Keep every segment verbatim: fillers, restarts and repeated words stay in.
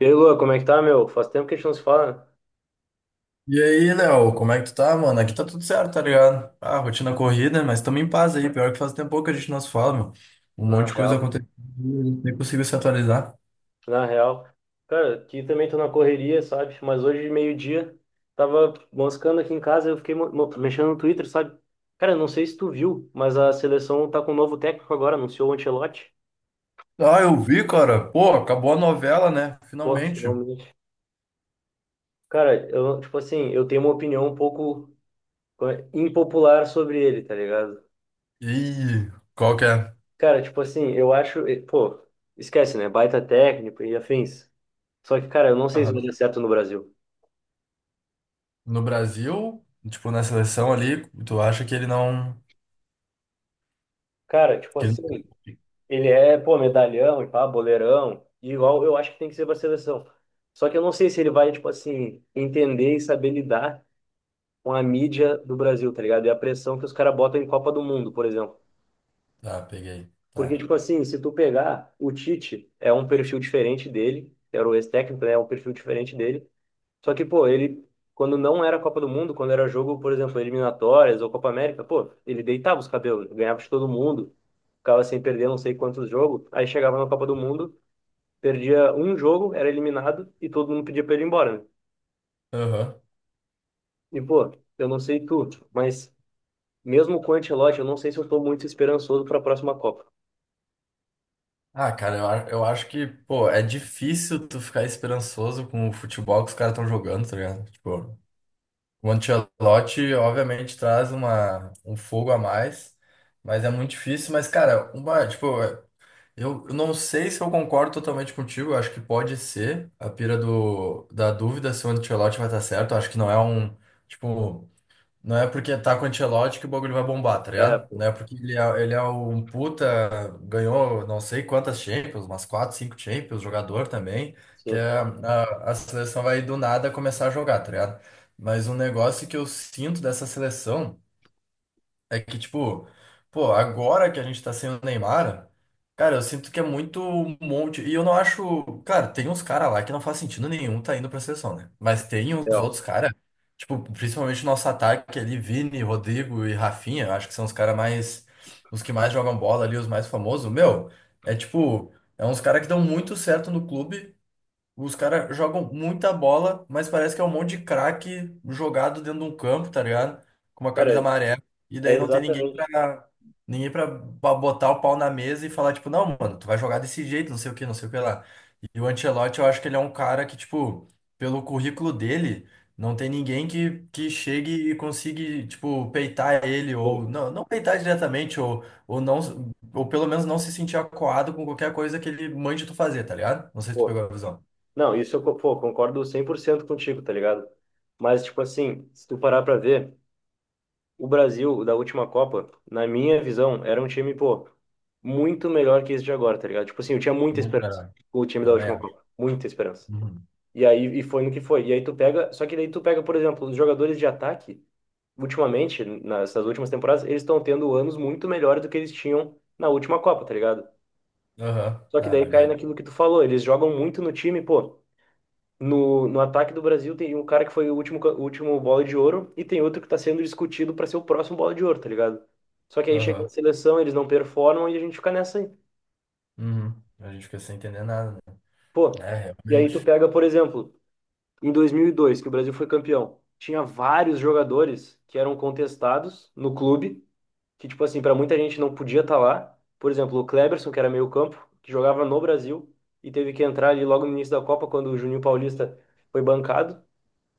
E aí, Lua, como é que tá, meu? Faz tempo que a gente não se fala, né? E aí, Léo, como é que tu tá, mano? Aqui tá tudo certo, tá ligado? Ah, rotina corrida, mas tamo em paz aí. Pior que faz tempo que a gente não se fala, meu. Um Na monte de coisa real. aconteceu, e nem conseguiu se atualizar. Na real. Cara, aqui também tô na correria, sabe? Mas hoje, meio-dia, tava moscando aqui em casa, eu fiquei mo- mo- mexendo no Twitter, sabe? Cara, não sei se tu viu, mas a seleção tá com um novo técnico agora, anunciou o Ancelotti. Ah, eu vi, cara. Pô, acabou a novela, né? Pô, Finalmente. finalmente. Cara, eu, tipo assim, eu tenho uma opinião um pouco eh, impopular sobre ele, tá ligado? E qual que é? Cara, tipo assim, eu acho, eh, pô, esquece, né? Baita técnico e afins. Só que, cara, eu não sei se vai Aham. dar certo no Brasil. No Brasil, tipo, na seleção ali, tu acha que ele não... Cara, tipo que ele- assim, ele é, pô, medalhão e pá, boleirão, e igual eu acho que tem que ser pra seleção. Só que eu não sei se ele vai, tipo assim, entender e saber lidar com a mídia do Brasil, tá ligado? E a pressão que os caras botam em Copa do Mundo, por exemplo. Tá, peguei. Porque, Tá. tipo assim, se tu pegar, o Tite é um perfil diferente dele, era o ex-técnico, né? É um perfil diferente dele. Só que, pô, ele, quando não era Copa do Mundo, quando era jogo, por exemplo, eliminatórias ou Copa América, pô, ele deitava os cabelos, ganhava de todo mundo, ficava sem perder não sei quantos jogos. Aí chegava na Copa do Mundo, perdia um jogo, era eliminado e todo mundo pedia pra ele ir embora, né? Aham. E, pô, eu não sei tu, mas mesmo com o Ancelotti, eu não sei se eu tô muito esperançoso pra próxima Copa. Ah, cara, eu, a- eu acho que, pô, é difícil tu ficar esperançoso com o futebol que os caras estão jogando, tá ligado? Tipo... O Ancelotti, obviamente, traz uma, um fogo a mais, mas é muito difícil. Mas, cara, uma, tipo, eu, eu não sei se eu concordo totalmente contigo. Eu acho que pode ser a pira do, da dúvida se o Ancelotti vai estar certo. Eu acho que não é um, tipo, não é porque tá com o Ancelotti que o bagulho vai bombar, tá É, ligado? Não pô, é porque ele é, ele é um puta, ganhou não sei quantas Champions, umas quatro, cinco Champions, jogador também, que sim, é- a, a seleção vai do nada começar a jogar, tá ligado? Mas um negócio que eu sinto dessa seleção. É que, tipo, pô, agora que a gente tá sem o Neymar, cara, eu sinto que é muito um monte. E eu não acho. Cara, tem uns caras lá que não faz sentido nenhum tá indo pra seleção, né? Mas tem é, uns ó. outros caras, tipo, principalmente nosso ataque ali, Vini, Rodrigo e Rafinha, eu acho que são os caras mais. Os que mais jogam bola ali, os mais famosos. Meu, é tipo. É uns caras que dão muito certo no clube. Os caras jogam muita bola, mas parece que é um monte de craque jogado dentro de um campo, tá ligado? Com uma Cara, camisa amarela. E é daí não tem ninguém exatamente. pra, ninguém pra, pra botar o pau na mesa e falar, tipo, não, mano, tu vai jogar desse jeito, não sei o que, não sei o que lá. E o Ancelotti, eu acho que ele é um cara que, tipo, pelo currículo dele, não tem ninguém que, que chegue e consiga, tipo, peitar ele, ou Sim. não, não peitar diretamente, ou, ou não, ou pelo menos não se sentir acuado com qualquer coisa que ele mande tu fazer, tá ligado? Não sei se tu Pô, pegou a visão. não, isso eu, co- pô, concordo cem por cento contigo, tá ligado? Mas, tipo assim, se tu parar pra ver, o Brasil da última Copa, na minha visão, era um time, pô, muito melhor que esse de agora, tá ligado? Tipo assim, eu tinha muita Muito esperança melhor, com o time da também última acho. Copa, muita esperança. Uhum. E aí, e foi no que foi. E aí tu pega, só que daí tu pega, por exemplo, os jogadores de ataque, ultimamente, nas nas últimas temporadas, eles estão tendo anos muito melhores do que eles tinham na última Copa, tá ligado? Aham, Só que na daí cai verdade. naquilo que tu falou, eles jogam muito no time, pô. No, no ataque do Brasil tem um cara que foi o último, ca- o último bola de ouro e tem outro que está sendo discutido para ser o próximo bola de ouro, tá ligado? Só que aí chega na Aham. seleção, eles não performam e a gente fica nessa aí. Uhum. A gente fica sem entender nada, né? Pô, É, e aí tu realmente. pega, por exemplo, em dois mil e dois, que o Brasil foi campeão, tinha vários jogadores que eram contestados no clube, que, tipo assim, para muita gente não podia estar lá. Por exemplo, o Kleberson, que era meio-campo, que jogava no Brasil e teve que entrar ali logo no início da Copa, quando o Juninho Paulista foi bancado.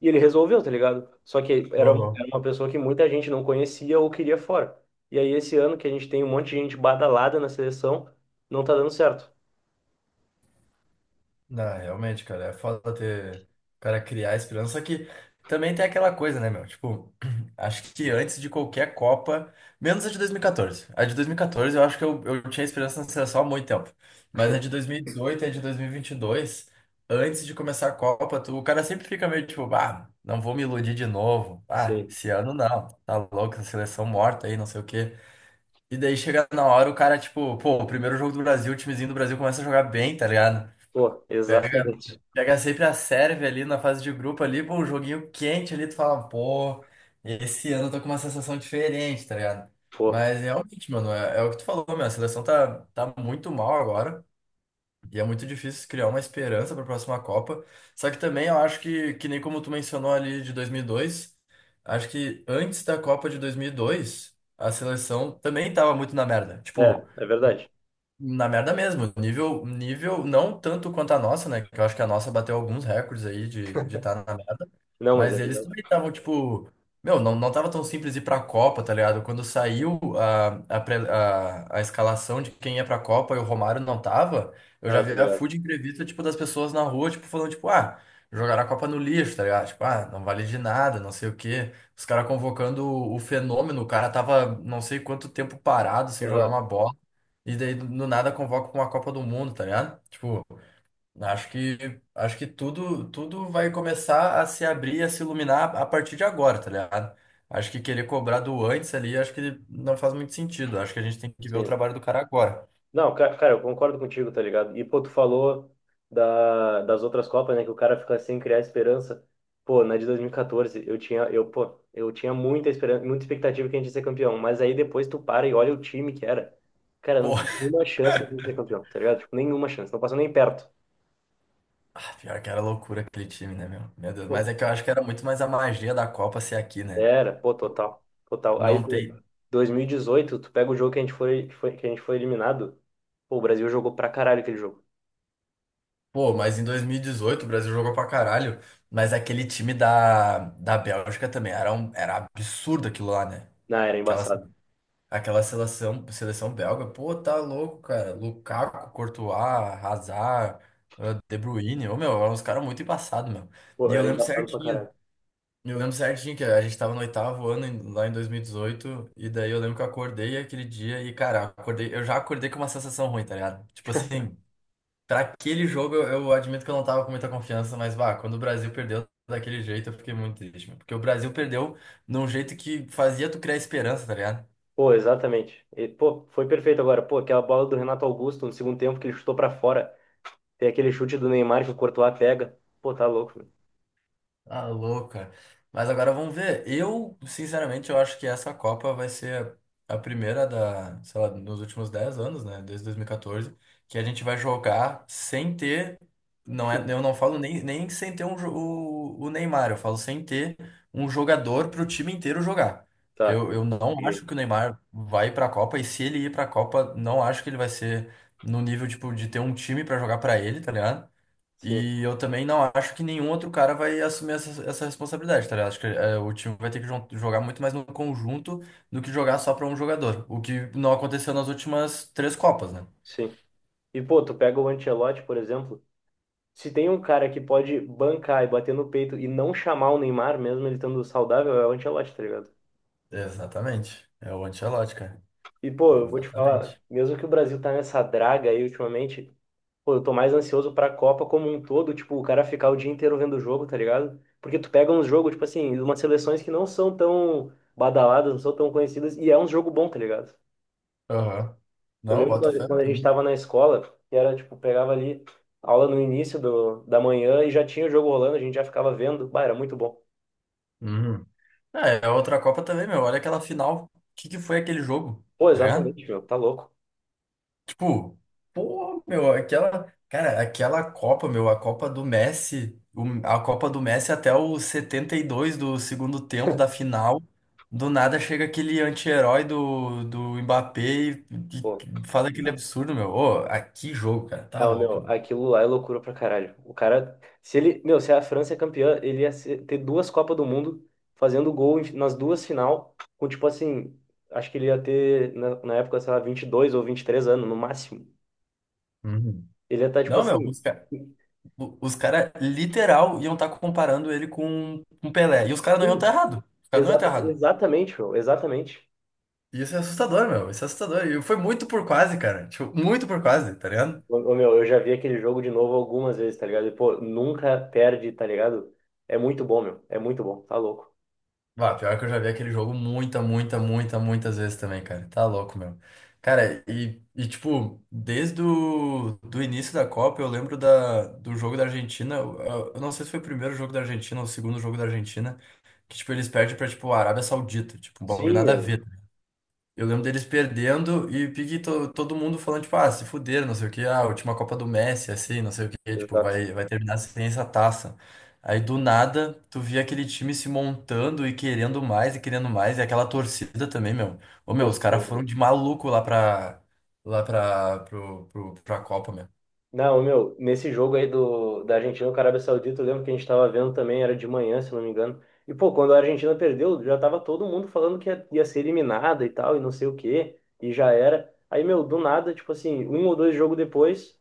E ele resolveu, tá ligado? Só que era, Aham. era uma pessoa que muita gente não conhecia ou queria fora. E aí, esse ano que a gente tem um monte de gente badalada na seleção, não tá dando certo. Não, realmente, cara, é foda ter o cara criar esperança, só que também tem aquela coisa, né, meu? Tipo, acho que antes de qualquer Copa, menos a de dois mil e quatorze. A de dois mil e quatorze eu acho que eu, eu tinha esperança na seleção há muito tempo. Mas a de dois mil e dezoito e dezoito e a de dois mil e vinte e dois, antes de começar a Copa, tu, o cara sempre fica meio tipo, ah, não vou me iludir de novo. Ah, Sim. esse ano não, tá louco, essa seleção morta aí, não sei o quê. E daí chega na hora, o cara, tipo, pô, o primeiro jogo do Brasil, o timezinho do Brasil começa a jogar bem, tá ligado? Pô, exatamente. Pegar sempre a Sérvia ali na fase de grupo ali, pô, um joguinho quente ali, tu fala, pô, esse ano eu tô com uma sensação diferente, tá ligado? Pô, Mas realmente, mano, é, é o que tu falou, meu, a seleção tá, tá muito mal agora e é muito difícil criar uma esperança pra próxima Copa. Só que também eu acho que, que nem como tu mencionou ali de dois mil e dois, acho que antes da Copa de dois mil e dois, a seleção também tava muito na merda. é, Tipo, é verdade. na merda mesmo, nível, nível não tanto quanto a nossa, né? Que eu acho que a nossa bateu alguns recordes aí de de estar na merda. Não, mas é Mas eles verdade. também estavam, tipo, meu, não, não tava tão simples ir pra Copa, tá ligado? Quando saiu a, a, pre- a, a escalação de quem ia pra Copa e o Romário não tava, eu já Ah, tá vi a ligado. food entrevista, tipo, das pessoas na rua, tipo, falando, tipo, ah, jogaram a Copa no lixo, tá ligado? Tipo, ah, não vale de nada, não sei o quê. Os caras convocando o o fenômeno, o cara tava não sei quanto tempo parado sem jogar Aham, uma bola. E daí do nada convoca pra uma Copa do Mundo, tá ligado? Tipo, acho que acho que tudo tudo vai começar a se abrir, a se iluminar a partir de agora, tá ligado? Acho que querer cobrar do antes ali, acho que não faz muito sentido. Acho que a gente tem que ver o sim. trabalho do cara agora. Não, ca- cara, eu concordo contigo, tá ligado? E, pô, tu falou da, das outras Copas, né? Que o cara fica sem criar esperança. Pô, na de dois mil e quatorze, eu tinha, eu, pô, eu tinha muita esperança, muita expectativa que a gente ia ser campeão. Mas aí depois tu para e olha o time que era. Cara, não Pô, tinha nenhuma chance de a gente ser campeão, tá ligado? Tipo, nenhuma chance, não passou nem perto. ah, pior que era loucura aquele time, né, meu? Meu Deus, mas Pô, é que eu acho que era muito mais a magia da Copa ser aqui, né? era, pô, total, total. Aí, Não pô, tem. dois mil e dezoito, tu pega o jogo que a gente foi, que foi, que a gente foi eliminado. Pô, o Brasil jogou pra caralho aquele jogo. Pô, mas em dois mil e dezoito o Brasil jogou pra caralho, mas aquele time da, da Bélgica também era, um, era absurdo aquilo lá, né? Não, era Aquela embaçado. Aquela seleção, seleção belga, pô, tá louco, cara. Lukaku, Courtois, Hazard, ah, De Bruyne, ô, meu, eram uns caras muito embaçados, meu. E Pô, eu era lembro embaçado pra certinho, caralho. eu lembro certinho que a gente tava no oitavo ano, em- lá em dois mil e dezoito, e dezoito, e daí eu lembro que eu acordei aquele dia e, cara, acordei, eu já acordei com uma sensação ruim, tá ligado? Tipo assim, pra aquele jogo eu, eu admito que eu não tava com muita confiança, mas, bah, quando o Brasil perdeu daquele jeito, eu fiquei muito triste, meu, porque o Brasil perdeu num jeito que fazia tu criar esperança, tá ligado? Pô, exatamente. E, pô, foi perfeito agora. Pô, aquela bola do Renato Augusto no segundo tempo que ele chutou pra fora. Tem aquele chute do Neymar que o Courtois pega. Pô, tá louco, meu. Tá louco, cara. Mas agora vamos ver. Eu, sinceramente, eu acho que essa Copa vai ser a primeira da, sei lá, nos últimos dez anos, né? Desde dois mil e quatorze, que a gente vai jogar sem ter. Não é, eu não falo nem, nem sem ter um, jo- o, o Neymar, eu falo sem ter um jogador para o time inteiro jogar. Porque Tá. Eu, eu não Peguei. acho que o Neymar vai para a Copa, e se ele ir para a Copa, não acho que ele vai ser no nível, tipo, de ter um time para jogar para ele, tá ligado? Sim, E eu também não acho que nenhum outro cara vai assumir essa, essa responsabilidade, tá ligado? Acho que é, o time vai ter que jo- jogar muito mais no conjunto do que jogar só pra um jogador. O que não aconteceu nas últimas três Copas, né? sim. E, pô, tu pega o Ancelotti, por exemplo. Se tem um cara que pode bancar e bater no peito e não chamar o Neymar, mesmo ele estando saudável, é o Ancelotti, tá ligado? Exatamente. É o Ancelotti, cara. E, pô, eu vou te falar, Exatamente. mesmo que o Brasil tá nessa draga aí ultimamente, pô, eu tô mais ansioso pra Copa como um todo, tipo, o cara ficar o dia inteiro vendo o jogo, tá ligado? Porque tu pega uns jogos, tipo assim, umas seleções que não são tão badaladas, não são tão conhecidas, e é um jogo bom, tá ligado? Aham. Eu Não, lembro bota quando fé quando a gente também. tava na escola, que era, tipo, pegava ali aula no início do, da manhã e já tinha o jogo rolando, a gente já ficava vendo, bah, era muito bom. Uhum. É, é outra Copa também, meu. Olha aquela final. O que que foi aquele jogo? Pô, Tá ligado? exatamente, meu, tá louco. Tipo, pô, meu, aquela, cara, aquela Copa, meu, a Copa do Messi, o- a Copa do Messi até o setenta e dois do segundo tempo da final, do nada chega aquele anti-herói do, do Mbappé e, Pô, e faz aquele absurdo, meu. Ô, aqui jogo, cara, tá não, louco, meu, meu. aquilo lá é loucura pra caralho. O cara, se ele, meu, se a França é campeã, ele ia ser- ter duas Copas do Mundo fazendo gol em- nas duas final, com tipo assim, acho que ele ia ter na, na época, sei lá, vinte e dois ou vinte e três anos no máximo. Uhum. Ele ia estar tipo Não, meu, assim, os, ca- o- os caras literal iam estar comparando ele com um Pelé. E os caras não iam estar sim, errado. Os caras não iam estar exata, errado. exatamente, meu, exatamente. E Isso é assustador, meu. Isso é assustador. E foi muito por quase, cara. Tipo, muito por quase, tá ligado? Ô, ô, meu, eu já vi aquele jogo de novo algumas vezes, tá ligado? E, pô, nunca perde, tá ligado? É muito bom, meu, é muito bom, tá louco. Bah, pior que eu já vi aquele jogo muita, muita, muita, muitas vezes também, cara. Tá louco, meu. Cara, e, e tipo, desde o do início da Copa, eu lembro da, do jogo da Argentina. Eu, eu não sei se foi o primeiro jogo da Argentina ou o segundo jogo da Argentina, que, tipo, eles perdem pra, tipo, a Arábia Saudita. Tipo, um bagulho Sim, nada a meu, ver. Eu lembro deles perdendo e pique to- todo mundo falando, tipo, ah, se fuderam, não sei o quê, ah, a última Copa do Messi, assim, não sei o quê, tipo, exato. vai, vai terminar sem essa taça. Aí do nada, tu via aquele time se montando e querendo mais e querendo mais, e aquela torcida também, meu. Ô, meu, Pô, os caras foram meu. de maluco lá pra, lá pra, pro, pro, pra Copa, meu. Não, meu, nesse jogo aí do, da Argentina com a Arábia Saudita, eu lembro que a gente tava vendo também, era de manhã, se não me engano. E, pô, quando a Argentina perdeu, já tava todo mundo falando que ia, ia ser eliminada e tal, e não sei o quê, e já era. Aí, meu, do nada, tipo assim, um ou dois jogos depois,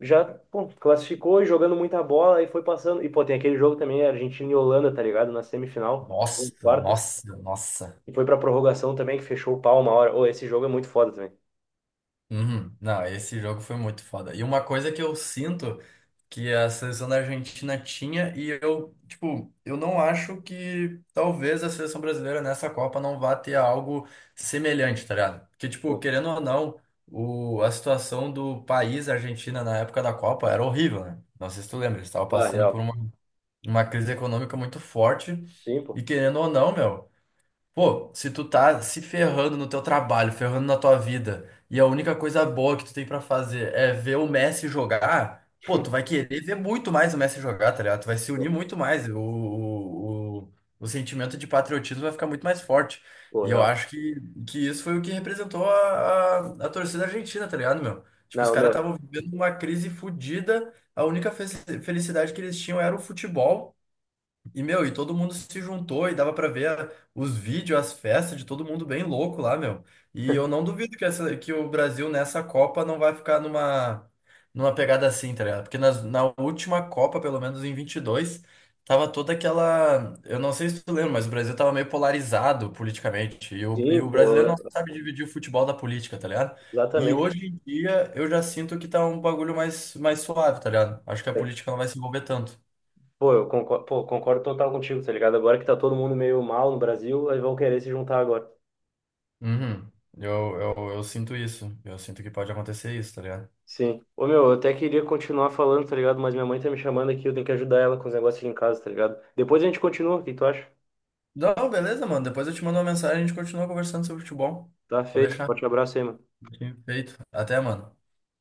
já, pô, classificou e jogando muita bola, e foi passando. E, pô, tem aquele jogo também, Argentina e Holanda, tá ligado? Na semifinal, em Nossa, quartas. nossa, nossa. E foi pra prorrogação também, que fechou o pau uma hora. Ô, esse jogo é muito foda também. Uhum. Não, esse jogo foi muito foda. E uma coisa que eu sinto que a seleção da Argentina tinha, e eu, tipo, eu não acho que talvez a seleção brasileira nessa Copa não vá ter algo semelhante, tá ligado? Porque, tipo, Pô, querendo ou não, o, a situação do país a Argentina na época da Copa era horrível, né? Não sei se tu lembra, eles estavam ah, passando por real. uma, uma crise econômica muito forte, Sim, pô. e querendo ou não, meu. Pô, se tu tá se ferrando no teu trabalho, ferrando na tua vida, e a única coisa boa que tu tem pra fazer é ver o Messi jogar, pô, tu vai querer ver muito mais o Messi jogar, tá ligado? Tu vai se Pô, unir muito mais, o, o, o, o sentimento de patriotismo vai ficar muito mais forte. pô, E eu real. acho que, que isso foi o que representou a, a, a torcida argentina, tá ligado, meu? Tipo, os Não, caras meu. estavam vivendo uma crise fodida, a única fe- felicidade que eles tinham era o futebol. E, meu, e todo mundo se juntou e dava pra ver a- os vídeos, as festas de todo mundo bem louco lá, meu. E eu não duvido que, essa, que o Brasil nessa Copa não vai ficar numa, numa pegada assim, tá ligado? Porque nas, na última Copa, pelo menos em vinte e dois tava toda aquela. Eu não sei se tu lembra, mas o Brasil tava meio polarizado politicamente. E o, e Sim, o brasileiro não pô, sabe dividir o futebol da política, tá ligado? E exatamente. hoje em dia eu já sinto que tá um bagulho mais, mais suave, tá ligado? Acho que a política não vai se envolver tanto. Pô, eu concordo, pô, concordo total contigo, tá ligado? Agora que tá todo mundo meio mal no Brasil, aí vão querer se juntar agora. Uhum. Eu, eu, eu sinto isso. Eu sinto que pode acontecer isso, tá ligado? Sim. Ô, meu, eu até queria continuar falando, tá ligado? Mas minha mãe tá me chamando aqui, eu tenho que ajudar ela com os negócios aqui em casa, tá ligado? Depois a gente continua, o que tu acha? Não, beleza, mano. Depois eu te mando uma mensagem e a gente continua conversando sobre futebol. Tá Pode feito. deixar. Forte abraço aí, mano. Sim. Feito. Até, mano.